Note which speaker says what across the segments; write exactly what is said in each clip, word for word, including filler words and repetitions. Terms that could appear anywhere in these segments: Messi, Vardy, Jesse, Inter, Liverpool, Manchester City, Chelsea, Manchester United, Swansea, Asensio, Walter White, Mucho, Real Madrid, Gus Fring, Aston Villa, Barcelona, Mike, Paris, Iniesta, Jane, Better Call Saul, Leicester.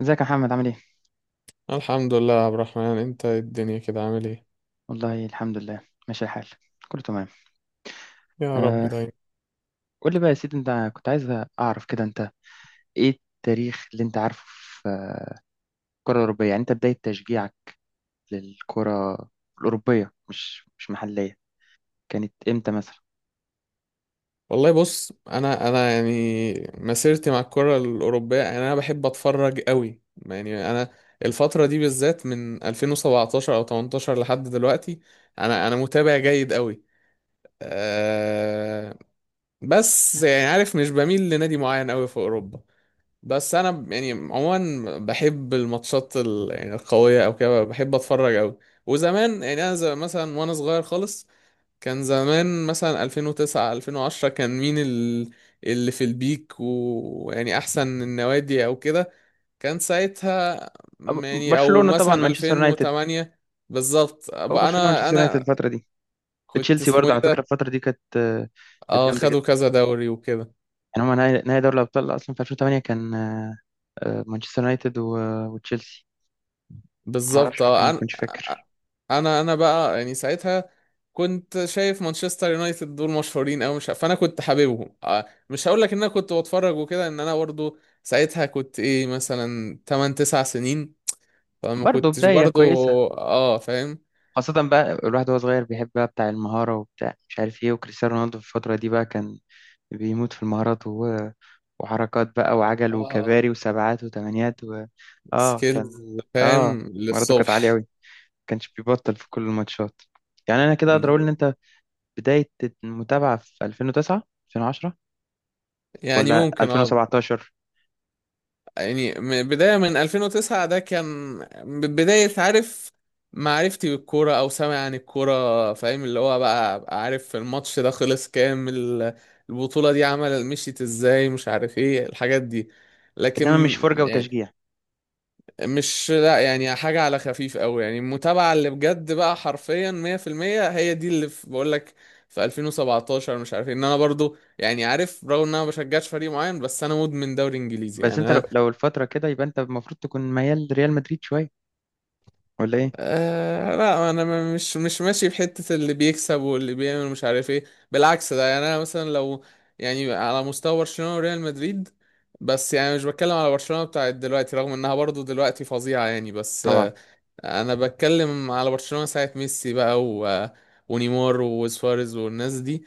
Speaker 1: ازيك يا محمد؟ عامل ايه؟
Speaker 2: الحمد لله يا عبد الرحمن، انت ايه الدنيا كده؟ عامل ايه؟
Speaker 1: والله الحمد لله، ماشي الحال، كله تمام.
Speaker 2: يا رب
Speaker 1: آه،
Speaker 2: دايما.
Speaker 1: قول لي بقى يا سيدي، انت كنت عايز اعرف كده انت ايه التاريخ اللي انت عارفه في آه، الكرة الأوروبية. يعني انت بداية تشجيعك للكرة الأوروبية، مش مش محلية، كانت امتى مثلا؟
Speaker 2: والله بص، انا انا يعني مسيرتي مع الكرة الأوروبية، يعني انا بحب اتفرج قوي. يعني انا الفترة دي بالذات من ألفين وسبعة عشر او تمنتاشر لحد دلوقتي، انا انا متابع جيد قوي. أه، بس يعني عارف، مش بميل لنادي معين قوي في أوروبا. بس انا ب- يعني عموما بحب الماتشات ال- يعني القوية او كده، بحب اتفرج قوي. وزمان يعني انا زي مثلا، وانا صغير خالص، كان زمان مثلا ألفين وتسعة ألفين وعشرة، كان مين ال- اللي في البيك، ويعني احسن النوادي او كده كان ساعتها،
Speaker 1: أب-
Speaker 2: م- يعني او
Speaker 1: برشلونة طبعا،
Speaker 2: مثلا
Speaker 1: مانشستر يونايتد.
Speaker 2: ألفين وثمانية. بالظبط
Speaker 1: هو
Speaker 2: بقى،
Speaker 1: برشلونة
Speaker 2: انا
Speaker 1: مانشستر يونايتد
Speaker 2: انا
Speaker 1: الفترة دي،
Speaker 2: كنت
Speaker 1: تشيلسي
Speaker 2: اسمه
Speaker 1: برضه
Speaker 2: ايه
Speaker 1: على فكرة
Speaker 2: ده.
Speaker 1: الفترة دي كانت آه، كانت
Speaker 2: اه،
Speaker 1: جامدة جدا.
Speaker 2: خدوا كذا دوري وكده.
Speaker 1: يعني هما نهائي نهائي دوري الأبطال أصلا في ألفين وتمانية كان آه، آه، مانشستر يونايتد و- وتشيلسي.
Speaker 2: بالظبط
Speaker 1: معرفش، ممكن
Speaker 2: اه،
Speaker 1: ما
Speaker 2: انا
Speaker 1: تكونش فاكر.
Speaker 2: انا انا بقى يعني ساعتها كنت شايف مانشستر يونايتد دول مشهورين، او مش، فانا كنت حاببهم. آه، مش هقول لك ان انا كنت بتفرج وكده، ان انا برضو ساعتها كنت ايه مثلا تمنية تسعة سنين، فما
Speaker 1: برضه
Speaker 2: كنتش
Speaker 1: بداية
Speaker 2: برضو.
Speaker 1: كويسة،
Speaker 2: اه فاهم.
Speaker 1: خاصة بقى الواحد وهو صغير بيحب بقى بتاع المهارة وبتاع مش عارف ايه، وكريستيانو رونالدو في الفترة دي بقى كان بيموت في المهارات، و... وحركات بقى وعجل
Speaker 2: اه،
Speaker 1: وكباري وسبعات وتمانيات. و... اه كان،
Speaker 2: سكيلز،
Speaker 1: اه
Speaker 2: فاهم
Speaker 1: مهاراته كانت عالية
Speaker 2: للصبح.
Speaker 1: أوي، كانش بيبطل في كل الماتشات. يعني أنا كده أقدر أقول إن أنت بداية المتابعة في ألفين وتسعة ألفين وعشرة
Speaker 2: يعني
Speaker 1: ولا
Speaker 2: ممكن اه،
Speaker 1: ألفين وسبعتاشر؟
Speaker 2: يعني من بداية من ألفين وتسعة، ده كان بداية، عارف، معرفتي بالكورة، أو سامع عن الكورة، فاهم، اللي هو بقى أبقى عارف الماتش ده خلص كام، ال- البطولة دي عمل مشيت ازاي، مش عارف ايه الحاجات دي.
Speaker 1: إنما مش
Speaker 2: لكن
Speaker 1: فرجة
Speaker 2: يعني،
Speaker 1: وتشجيع.
Speaker 2: مش لا يعني حاجة على خفيف أوي. يعني المتابعة اللي بجد بقى حرفيا مية في المية، هي دي اللي في- بقولك في ألفين وسبعة عشر. مش عارف ايه ان انا برضو يعني عارف، رغم ان انا ما بشجعش فريق معين، بس انا مدمن دوري انجليزي
Speaker 1: بس أنت لو,
Speaker 2: يعني.
Speaker 1: لو الفترة كده يبقى أنت المفروض تكون ميال ريال مدريد شوية، ولا إيه؟
Speaker 2: آه لا، انا م- مش مش ماشي بحتة اللي بيكسب واللي بيعمل مش عارف ايه. بالعكس، ده يعني انا مثلا لو، يعني على مستوى برشلونة وريال مدريد. بس يعني مش بتكلم على برشلونة بتاعت دلوقتي، رغم انها برضو دلوقتي فظيعة يعني، بس
Speaker 1: طبعا،
Speaker 2: آه، انا بتكلم على برشلونة ساعة ميسي بقى، و... ونيمار وسواريز والناس دي.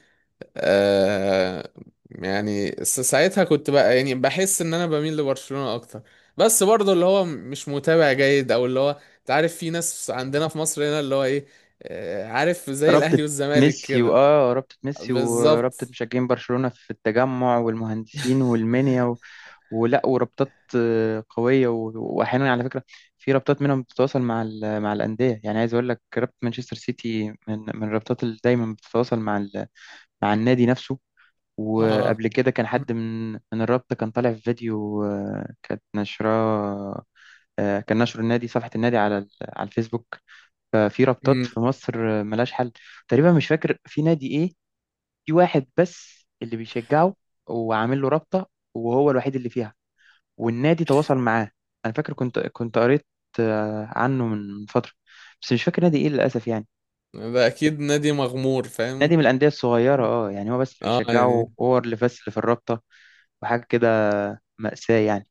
Speaker 2: آه يعني س- ساعتها كنت بقى يعني بحس ان انا بميل لبرشلونة اكتر. بس برضه اللي هو مش متابع جيد، او اللي هو، انت عارف، في ناس عندنا في مصر هنا اللي هو ايه، آه، عارف زي
Speaker 1: رابطة
Speaker 2: الاهلي والزمالك
Speaker 1: ميسي،
Speaker 2: كده.
Speaker 1: وآه رابطة ميسي
Speaker 2: بالظبط
Speaker 1: ورابطة مشجعين برشلونة في التجمع والمهندسين والمنيا، و... ولا ورابطات آه، قوية. و... وأحيانا على فكرة في رابطات منهم بتتواصل مع ال... مع الأندية، يعني عايز أقول لك رابطة مانشستر سيتي من من الرابطات اللي دايما بتتواصل مع ال... مع النادي نفسه.
Speaker 2: اه.
Speaker 1: وقبل كده كان حد من من الرابطة كان طالع في فيديو آه، كانت نشراه، آه، كان نشر النادي صفحة النادي على ال- على الفيسبوك. ففي رابطات
Speaker 2: امم.
Speaker 1: في مصر ملهاش حل. تقريبا مش فاكر في نادي ايه، في واحد بس اللي بيشجعه وعامل له رابطة وهو الوحيد اللي فيها والنادي تواصل معاه. انا فاكر كنت كنت قريت آه، عنه من فترة، بس مش فاكر نادي ايه للأسف يعني.
Speaker 2: ده اكيد نادي مغمور، فاهم.
Speaker 1: نادي من الأندية الصغيرة، اه يعني هو بس اللي
Speaker 2: اه
Speaker 1: بيشجعه،
Speaker 2: يعني
Speaker 1: هو اللي بس اللي في الرابطة وحاجة كده، مأساة يعني.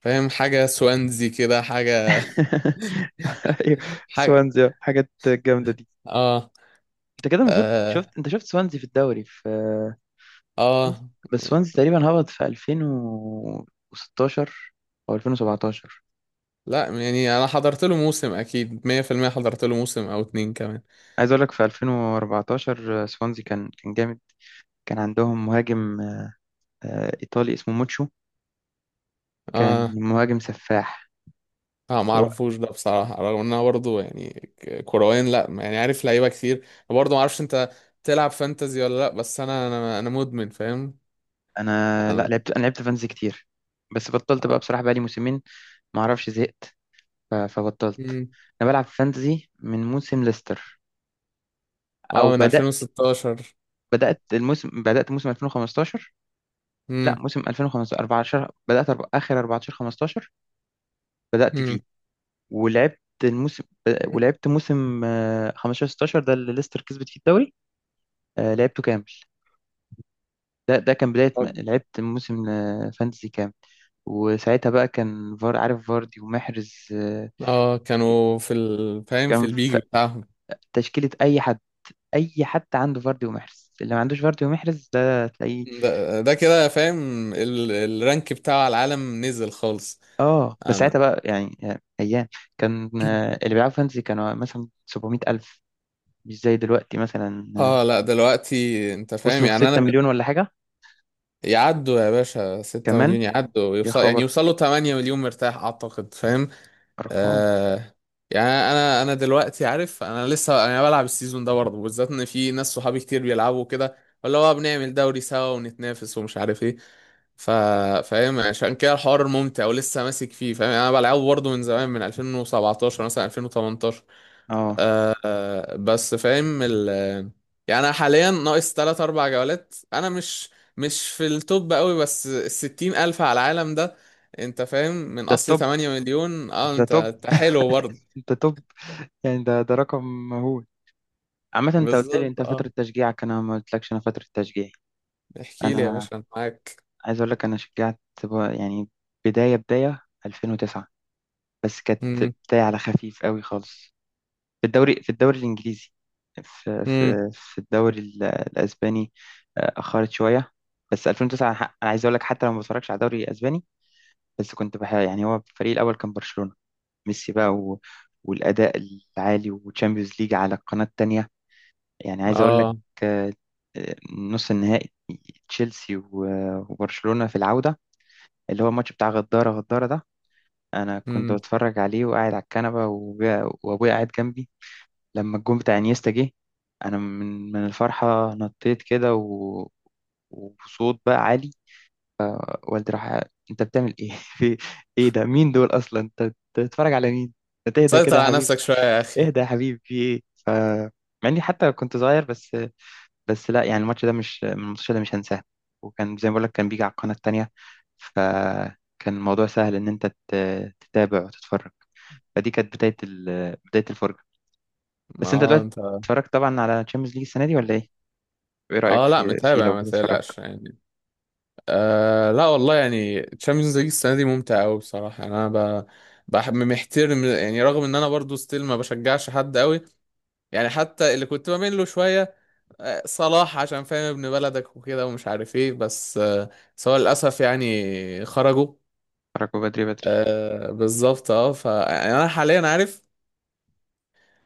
Speaker 2: فاهم، حاجة سوانزي كده، حاجة
Speaker 1: ايوه،
Speaker 2: حاجة.
Speaker 1: سوانزي، آه، حاجات جامدة دي.
Speaker 2: اه.
Speaker 1: انت كده المفروض
Speaker 2: اه.
Speaker 1: شفت، انت شفت سوانزي في الدوري في
Speaker 2: اه
Speaker 1: وانز- بس وانز تقريبا هبط في ألفين وستاشر او ألفين وسبعتاشر.
Speaker 2: لا، يعني انا حضرت له موسم اكيد مية في المية، حضرت له موسم او اتنين كمان.
Speaker 1: عايز اقول لك في ألفين واربعة عشر آه، سوانزي كان كان جامد، كان عندهم مهاجم آه، ايطالي اسمه موتشو، كان
Speaker 2: اه.
Speaker 1: مهاجم سفاح.
Speaker 2: اه ما
Speaker 1: هو-
Speaker 2: اعرفوش ده بصراحه، رغم ان انا برضه يعني ك- كرويا، لا يعني عارف لعيبه كتير. أنا برضه ما اعرفش انت تلعب فانتزي ولا لا، بس انا انا انا مدمن، فاهم.
Speaker 1: انا لا
Speaker 2: انا.
Speaker 1: لعبت، انا لعبت فانز كتير بس بطلت بقى بصراحة بقالي موسمين، ما اعرفش زهقت ف- فبطلت.
Speaker 2: مم.
Speaker 1: انا بلعب فانتزي من موسم ليستر،
Speaker 2: اه،
Speaker 1: او
Speaker 2: من
Speaker 1: بدأت
Speaker 2: ألفين وستة عشر.
Speaker 1: بدأت الموسم بدأت موسم ألفين وخمستاشر، لا
Speaker 2: امم.
Speaker 1: موسم ألفين وخمستاشر اربعة عشر، بدأت أرب... آخر اربعة عشر خمستاشر بدأت
Speaker 2: امم.
Speaker 1: فيه ولعبت الموسم، ولعبت موسم آه، خمستاشر ستة عشر، ده اللي ليستر كسبت فيه الدوري، آه، لعبته كامل. ده ده كان بداية
Speaker 2: طب
Speaker 1: ما لعبت موسم آه، فانتسي كامل. وساعتها بقى كان فار عارف، فاردي ومحرز آه،
Speaker 2: اه، كانوا في ال... فاهم
Speaker 1: كان
Speaker 2: في البيج
Speaker 1: في
Speaker 2: بتاعهم.
Speaker 1: تشكيلة أي حد، أي حد عنده فاردي ومحرز، اللي ما عندوش فاردي ومحرز ده تلاقيه.
Speaker 2: ده, ده كده فاهم، ال... الرانك بتاع العالم نزل خالص.
Speaker 1: اه بس
Speaker 2: أنا...
Speaker 1: ساعتها بقى يعني، يعني أيام كان آه، اللي بيلعبوا فانتسي كانوا مثلا سبعمئة ألف، مش زي دلوقتي مثلا، آه،
Speaker 2: اه لا، دلوقتي انت فاهم
Speaker 1: وصلوا في
Speaker 2: يعني
Speaker 1: ستة
Speaker 2: انا،
Speaker 1: مليون ولا حاجة
Speaker 2: يعدوا يا باشا 6
Speaker 1: كمان.
Speaker 2: مليون، يعدوا
Speaker 1: يا
Speaker 2: يوصل، يعني
Speaker 1: خبر،
Speaker 2: يوصلوا 8 مليون مرتاح اعتقد، فاهم.
Speaker 1: أرقام.
Speaker 2: آه. يعني انا انا دلوقتي عارف، انا لسه انا بلعب السيزون ده برضه، بالذات ان في ناس صحابي كتير بيلعبوا كده، ولا هو بنعمل دوري سوا ونتنافس ومش عارف ايه، ف فاهم عشان كده الحوار ممتع ولسه ماسك فيه، فاهم، يعني انا بلعبه برضه من زمان، من ألفين وسبعتاشر مثلا ألفين وتمنتاشر.
Speaker 1: اه
Speaker 2: آه بس فاهم ال، يعني انا حاليا ناقص ثلاث اربع جولات، انا مش مش في التوب قوي، بس ال ستين الف على العالم ده، انت فاهم، من
Speaker 1: ده
Speaker 2: اصل
Speaker 1: التوب،
Speaker 2: 8 مليون. اه
Speaker 1: ده
Speaker 2: انت
Speaker 1: توب،
Speaker 2: انت حلو برضه.
Speaker 1: ده توب، يعني ده ده رقم مهول. عامة انت قلت لي
Speaker 2: بالظبط
Speaker 1: انت
Speaker 2: اه،
Speaker 1: فترة تشجيعك، انا ما قلتلكش انا فترة تشجيعي.
Speaker 2: احكي لي يا
Speaker 1: انا
Speaker 2: باشا، انا معاك.
Speaker 1: عايز اقول لك انا شجعت ب- يعني بداية بداية ألفين وتسعة، بس كانت
Speaker 2: امم.
Speaker 1: بداية على خفيف قوي خالص في الدوري، في الدوري الانجليزي، في
Speaker 2: امم.
Speaker 1: في في الدوري ال- الاسباني آه، اخرت شوية. بس ألفين وتسعة ح- انا عايز اقول لك حتى لو ما بتفرجش على الدوري الاسباني، بس كنت بح يعني، هو الفريق الاول كان برشلونة، ميسي بقى و... والأداء العالي وتشامبيونز ليج على القناة التانية. يعني عايز أقول لك
Speaker 2: اه.
Speaker 1: آه، آه، نص النهائي تشيلسي و- وبرشلونة في العودة، اللي هو الماتش بتاع غدارة غدارة ده. أنا كنت
Speaker 2: امم.
Speaker 1: بتفرج عليه وقاعد على الكنبة، وأبويا وأبويا قاعد جنبي. لما الجون بتاع انيستا جه، أنا من من الفرحة نطيت كده، و... وصوت بقى عالي. والدي راح: أنت بتعمل إيه؟ في إيه ده؟ مين دول أصلا؟ أنت بتتفرج على مين؟ ما تهدى كده
Speaker 2: سيطر
Speaker 1: يا
Speaker 2: على
Speaker 1: حبيبي،
Speaker 2: نفسك شويه يا اخي.
Speaker 1: اهدى يا حبيبي، في ايه. ف مع اني حتى كنت صغير، بس بس لا يعني الماتش ده مش، من الماتش ده مش هنساه. وكان زي ما بقول لك كان بيجي على القناة التانية، فكان الموضوع سهل ان انت تت- تتابع وتتفرج. فدي كانت بداية ال... بداية الفرجة.
Speaker 2: ما
Speaker 1: بس انت
Speaker 2: هو
Speaker 1: دلوقتي
Speaker 2: انت.
Speaker 1: اتفرجت طبعا على تشامبيونز ليج السنة دي، ولا ايه؟ وايه رأيك
Speaker 2: اه لا،
Speaker 1: في في
Speaker 2: متابع
Speaker 1: لو
Speaker 2: ما
Speaker 1: بتتفرج؟
Speaker 2: تقلقش يعني. آه لا والله، يعني تشامبيونز ليج السنه دي ممتعه قوي بصراحه، يعني انا ب... بحب محترم يعني. رغم ان انا برضو ستيل ما بشجعش حد قوي، يعني حتى اللي كنت بميل له شويه آه، صلاح، عشان فاهم ابن بلدك وكده ومش عارف ايه، بس آه، بس هو للاسف يعني خرجوا.
Speaker 1: اتفرجوا بدري بدري.
Speaker 2: آه بالظبط اه، فانا حاليا عارف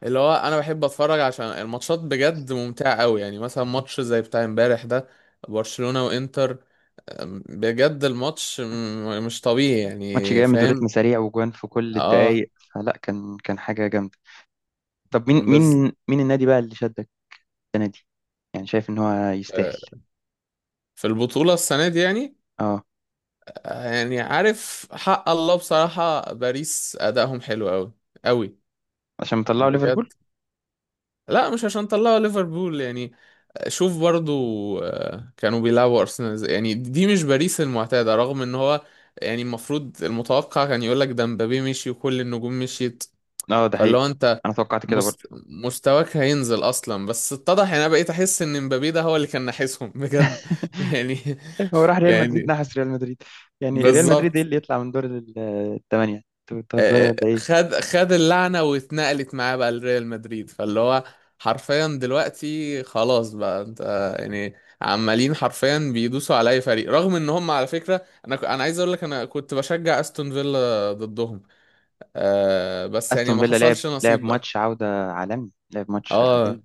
Speaker 2: اللي هو، انا بحب اتفرج عشان الماتشات بجد ممتعة قوي. يعني مثلا ماتش زي بتاع امبارح ده، برشلونة وانتر، أم، بجد الماتش م- مش طبيعي
Speaker 1: ماتش
Speaker 2: يعني،
Speaker 1: جامد
Speaker 2: فاهم.
Speaker 1: وريتم سريع وجوان في كل
Speaker 2: اه.
Speaker 1: الدقايق، فلا كان كان حاجة جامدة. طب مين
Speaker 2: بز.
Speaker 1: مين مين النادي بقى اللي شدك السنة دي؟ يعني شايف ان هو يستاهل؟
Speaker 2: آه، في البطولة السنة دي يعني،
Speaker 1: آه.
Speaker 2: آه يعني عارف، حق الله بصراحة باريس أدائهم حلو قوي قوي
Speaker 1: عشان مطلعوا ليفربول.
Speaker 2: بجد. لا، مش عشان طلعوا ليفربول يعني، شوف برضو، آه، كانوا بيلعبوا ارسنال إزاي. يعني دي مش باريس المعتاده، رغم ان هو يعني المفروض المتوقع كان يقول لك ده مبابي مشي وكل النجوم مشيت،
Speaker 1: اه ده
Speaker 2: فاللي
Speaker 1: حقيقي،
Speaker 2: هو انت
Speaker 1: انا توقعت كده برضه.
Speaker 2: مست... مستواك هينزل اصلا. بس اتضح يعني، انا بقيت احس ان مبابي ده هو اللي كان ناحسهم بجد يعني،
Speaker 1: إيه، هو راح ريال مدريد
Speaker 2: يعني
Speaker 1: نحس ريال مدريد. يعني ريال مدريد ايه
Speaker 2: بالظبط.
Speaker 1: اللي يطلع من دور ال- الثمانيه؟ انتوا بتهزروا
Speaker 2: آه،
Speaker 1: ولا ايه؟
Speaker 2: خد خد اللعنة واتنقلت معاه بقى لريال مدريد. فاللي هو حرفيا دلوقتي خلاص، بقى انت يعني عمالين حرفيا بيدوسوا على اي فريق. رغم ان هم على فكرة، انا ك- انا عايز اقول لك، انا كنت بشجع استون فيلا ضدهم. آه بس يعني
Speaker 1: استون
Speaker 2: ما
Speaker 1: فيلا لعب،
Speaker 2: حصلش
Speaker 1: لعب
Speaker 2: نصيب بقى.
Speaker 1: ماتش عوده عالمي، لعب ماتش عالمي.
Speaker 2: اه.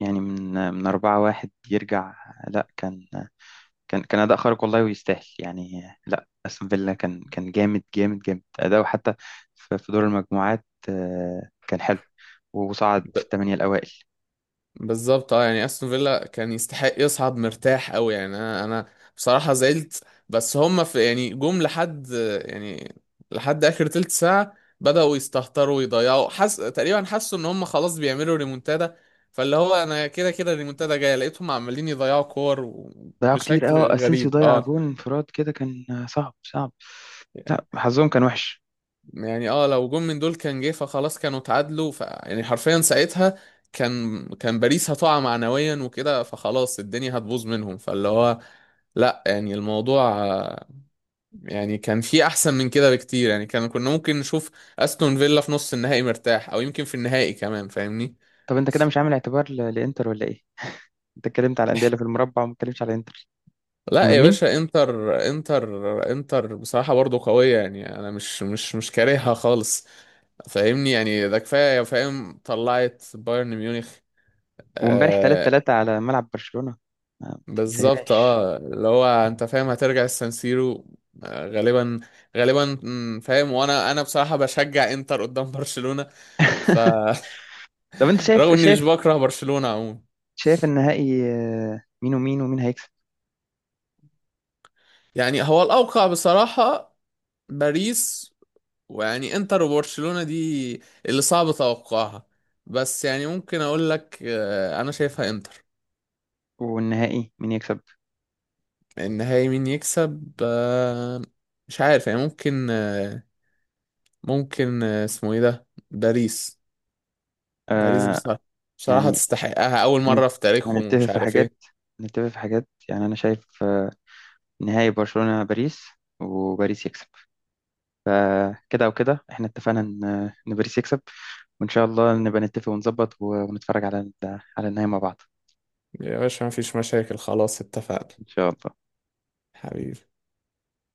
Speaker 1: يعني من من اربعة واحد يرجع. لا كان، كان كان اداء خارق والله ويستاهل يعني. لا استون فيلا كان، كان جامد جامد جامد اداؤه. حتى في في دور المجموعات آه، كان حلو وصعد في الثمانيه الاوائل.
Speaker 2: بالظبط اه، يعني استون فيلا كان يستحق يصعد مرتاح قوي. يعني انا انا بصراحه زعلت، بس هم في يعني جم لحد، يعني لحد اخر تلت ساعه بداوا يستهتروا ويضيعوا، حس تقريبا، حسوا ان هم خلاص بيعملوا ريمونتادا. فاللي هو انا كده كده الريمونتادا جايه، لقيتهم عمالين يضيعوا كور و-
Speaker 1: ضيعوا كتير، اه
Speaker 2: بشكل
Speaker 1: اسينسيو
Speaker 2: غريب.
Speaker 1: ضيع
Speaker 2: اه
Speaker 1: جون انفراد كده، كان صعب صعب، لا حظهم كان وحش.
Speaker 2: يعني، اه لو جون من دول كان جه فخلاص كانوا اتعادلوا. ف يعني حرفيا ساعتها كان كان باريس هتقع معنويا وكده، فخلاص الدنيا هتبوظ منهم. فاللي هو لا يعني الموضوع آه، يعني كان في احسن من كده بكتير. يعني كان كنا ممكن نشوف استون فيلا في نص النهائي مرتاح، او يمكن في النهائي كمان، فاهمني.
Speaker 1: طب انت كده مش عامل اعتبار ل- لانتر ولا ايه؟ انت اتكلمت على الانديه اللي في المربع وما اتكلمتش على انتر.
Speaker 2: لا يا
Speaker 1: مهمين.
Speaker 2: باشا، انتر انتر انتر بصراحة برضو قوية، يعني انا مش مش مش كارهها خالص، فاهمني. يعني ده كفاية، فاهم طلعت بايرن ميونخ
Speaker 1: وامبارح 3
Speaker 2: آه،
Speaker 1: 3 على ملعب برشلونه، ما
Speaker 2: بالظبط.
Speaker 1: تنساهاش.
Speaker 2: اه اللي هو انت فاهم هترجع السانسيرو آه، غالبا، غالبا، مم، فاهم. وانا انا بصراحة بشجع انتر قدام برشلونة، فرغم
Speaker 1: طب انت شايف
Speaker 2: اني مش
Speaker 1: شايف
Speaker 2: بكره برشلونة عموما.
Speaker 1: شايف النهائي آه، مين ومين، ومين هيكسب؟
Speaker 2: يعني هو الاوقع بصراحة باريس. ويعني انتر وبرشلونة دي اللي صعب توقعها. بس يعني ممكن اقول لك آه، انا شايفها انتر.
Speaker 1: والنهائي مين يكسب؟
Speaker 2: النهائي مين يكسب آه، مش عارف يعني، ممكن آه، ممكن آه، اسمه ايه ده، باريس. باريس
Speaker 1: آه.
Speaker 2: بصراحة، بصراحة
Speaker 1: يعني
Speaker 2: تستحقها أول
Speaker 1: هن-
Speaker 2: مرة في تاريخهم،
Speaker 1: هنتفق
Speaker 2: ومش
Speaker 1: في
Speaker 2: عارف
Speaker 1: حاجات
Speaker 2: إيه.
Speaker 1: هنتفق في حاجات. يعني انا شايف آه، نهائي برشلونه باريس، وباريس يكسب. فكده وكده احنا اتفقنا ان، ان باريس يكسب. وان شاء الله نبقى نتفق ونظبط ونتفرج على على النهاية مع بعض.
Speaker 2: يا باشا، مفيش مشاكل، خلاص، اتفقنا،
Speaker 1: ان شاء الله.
Speaker 2: حبيبي.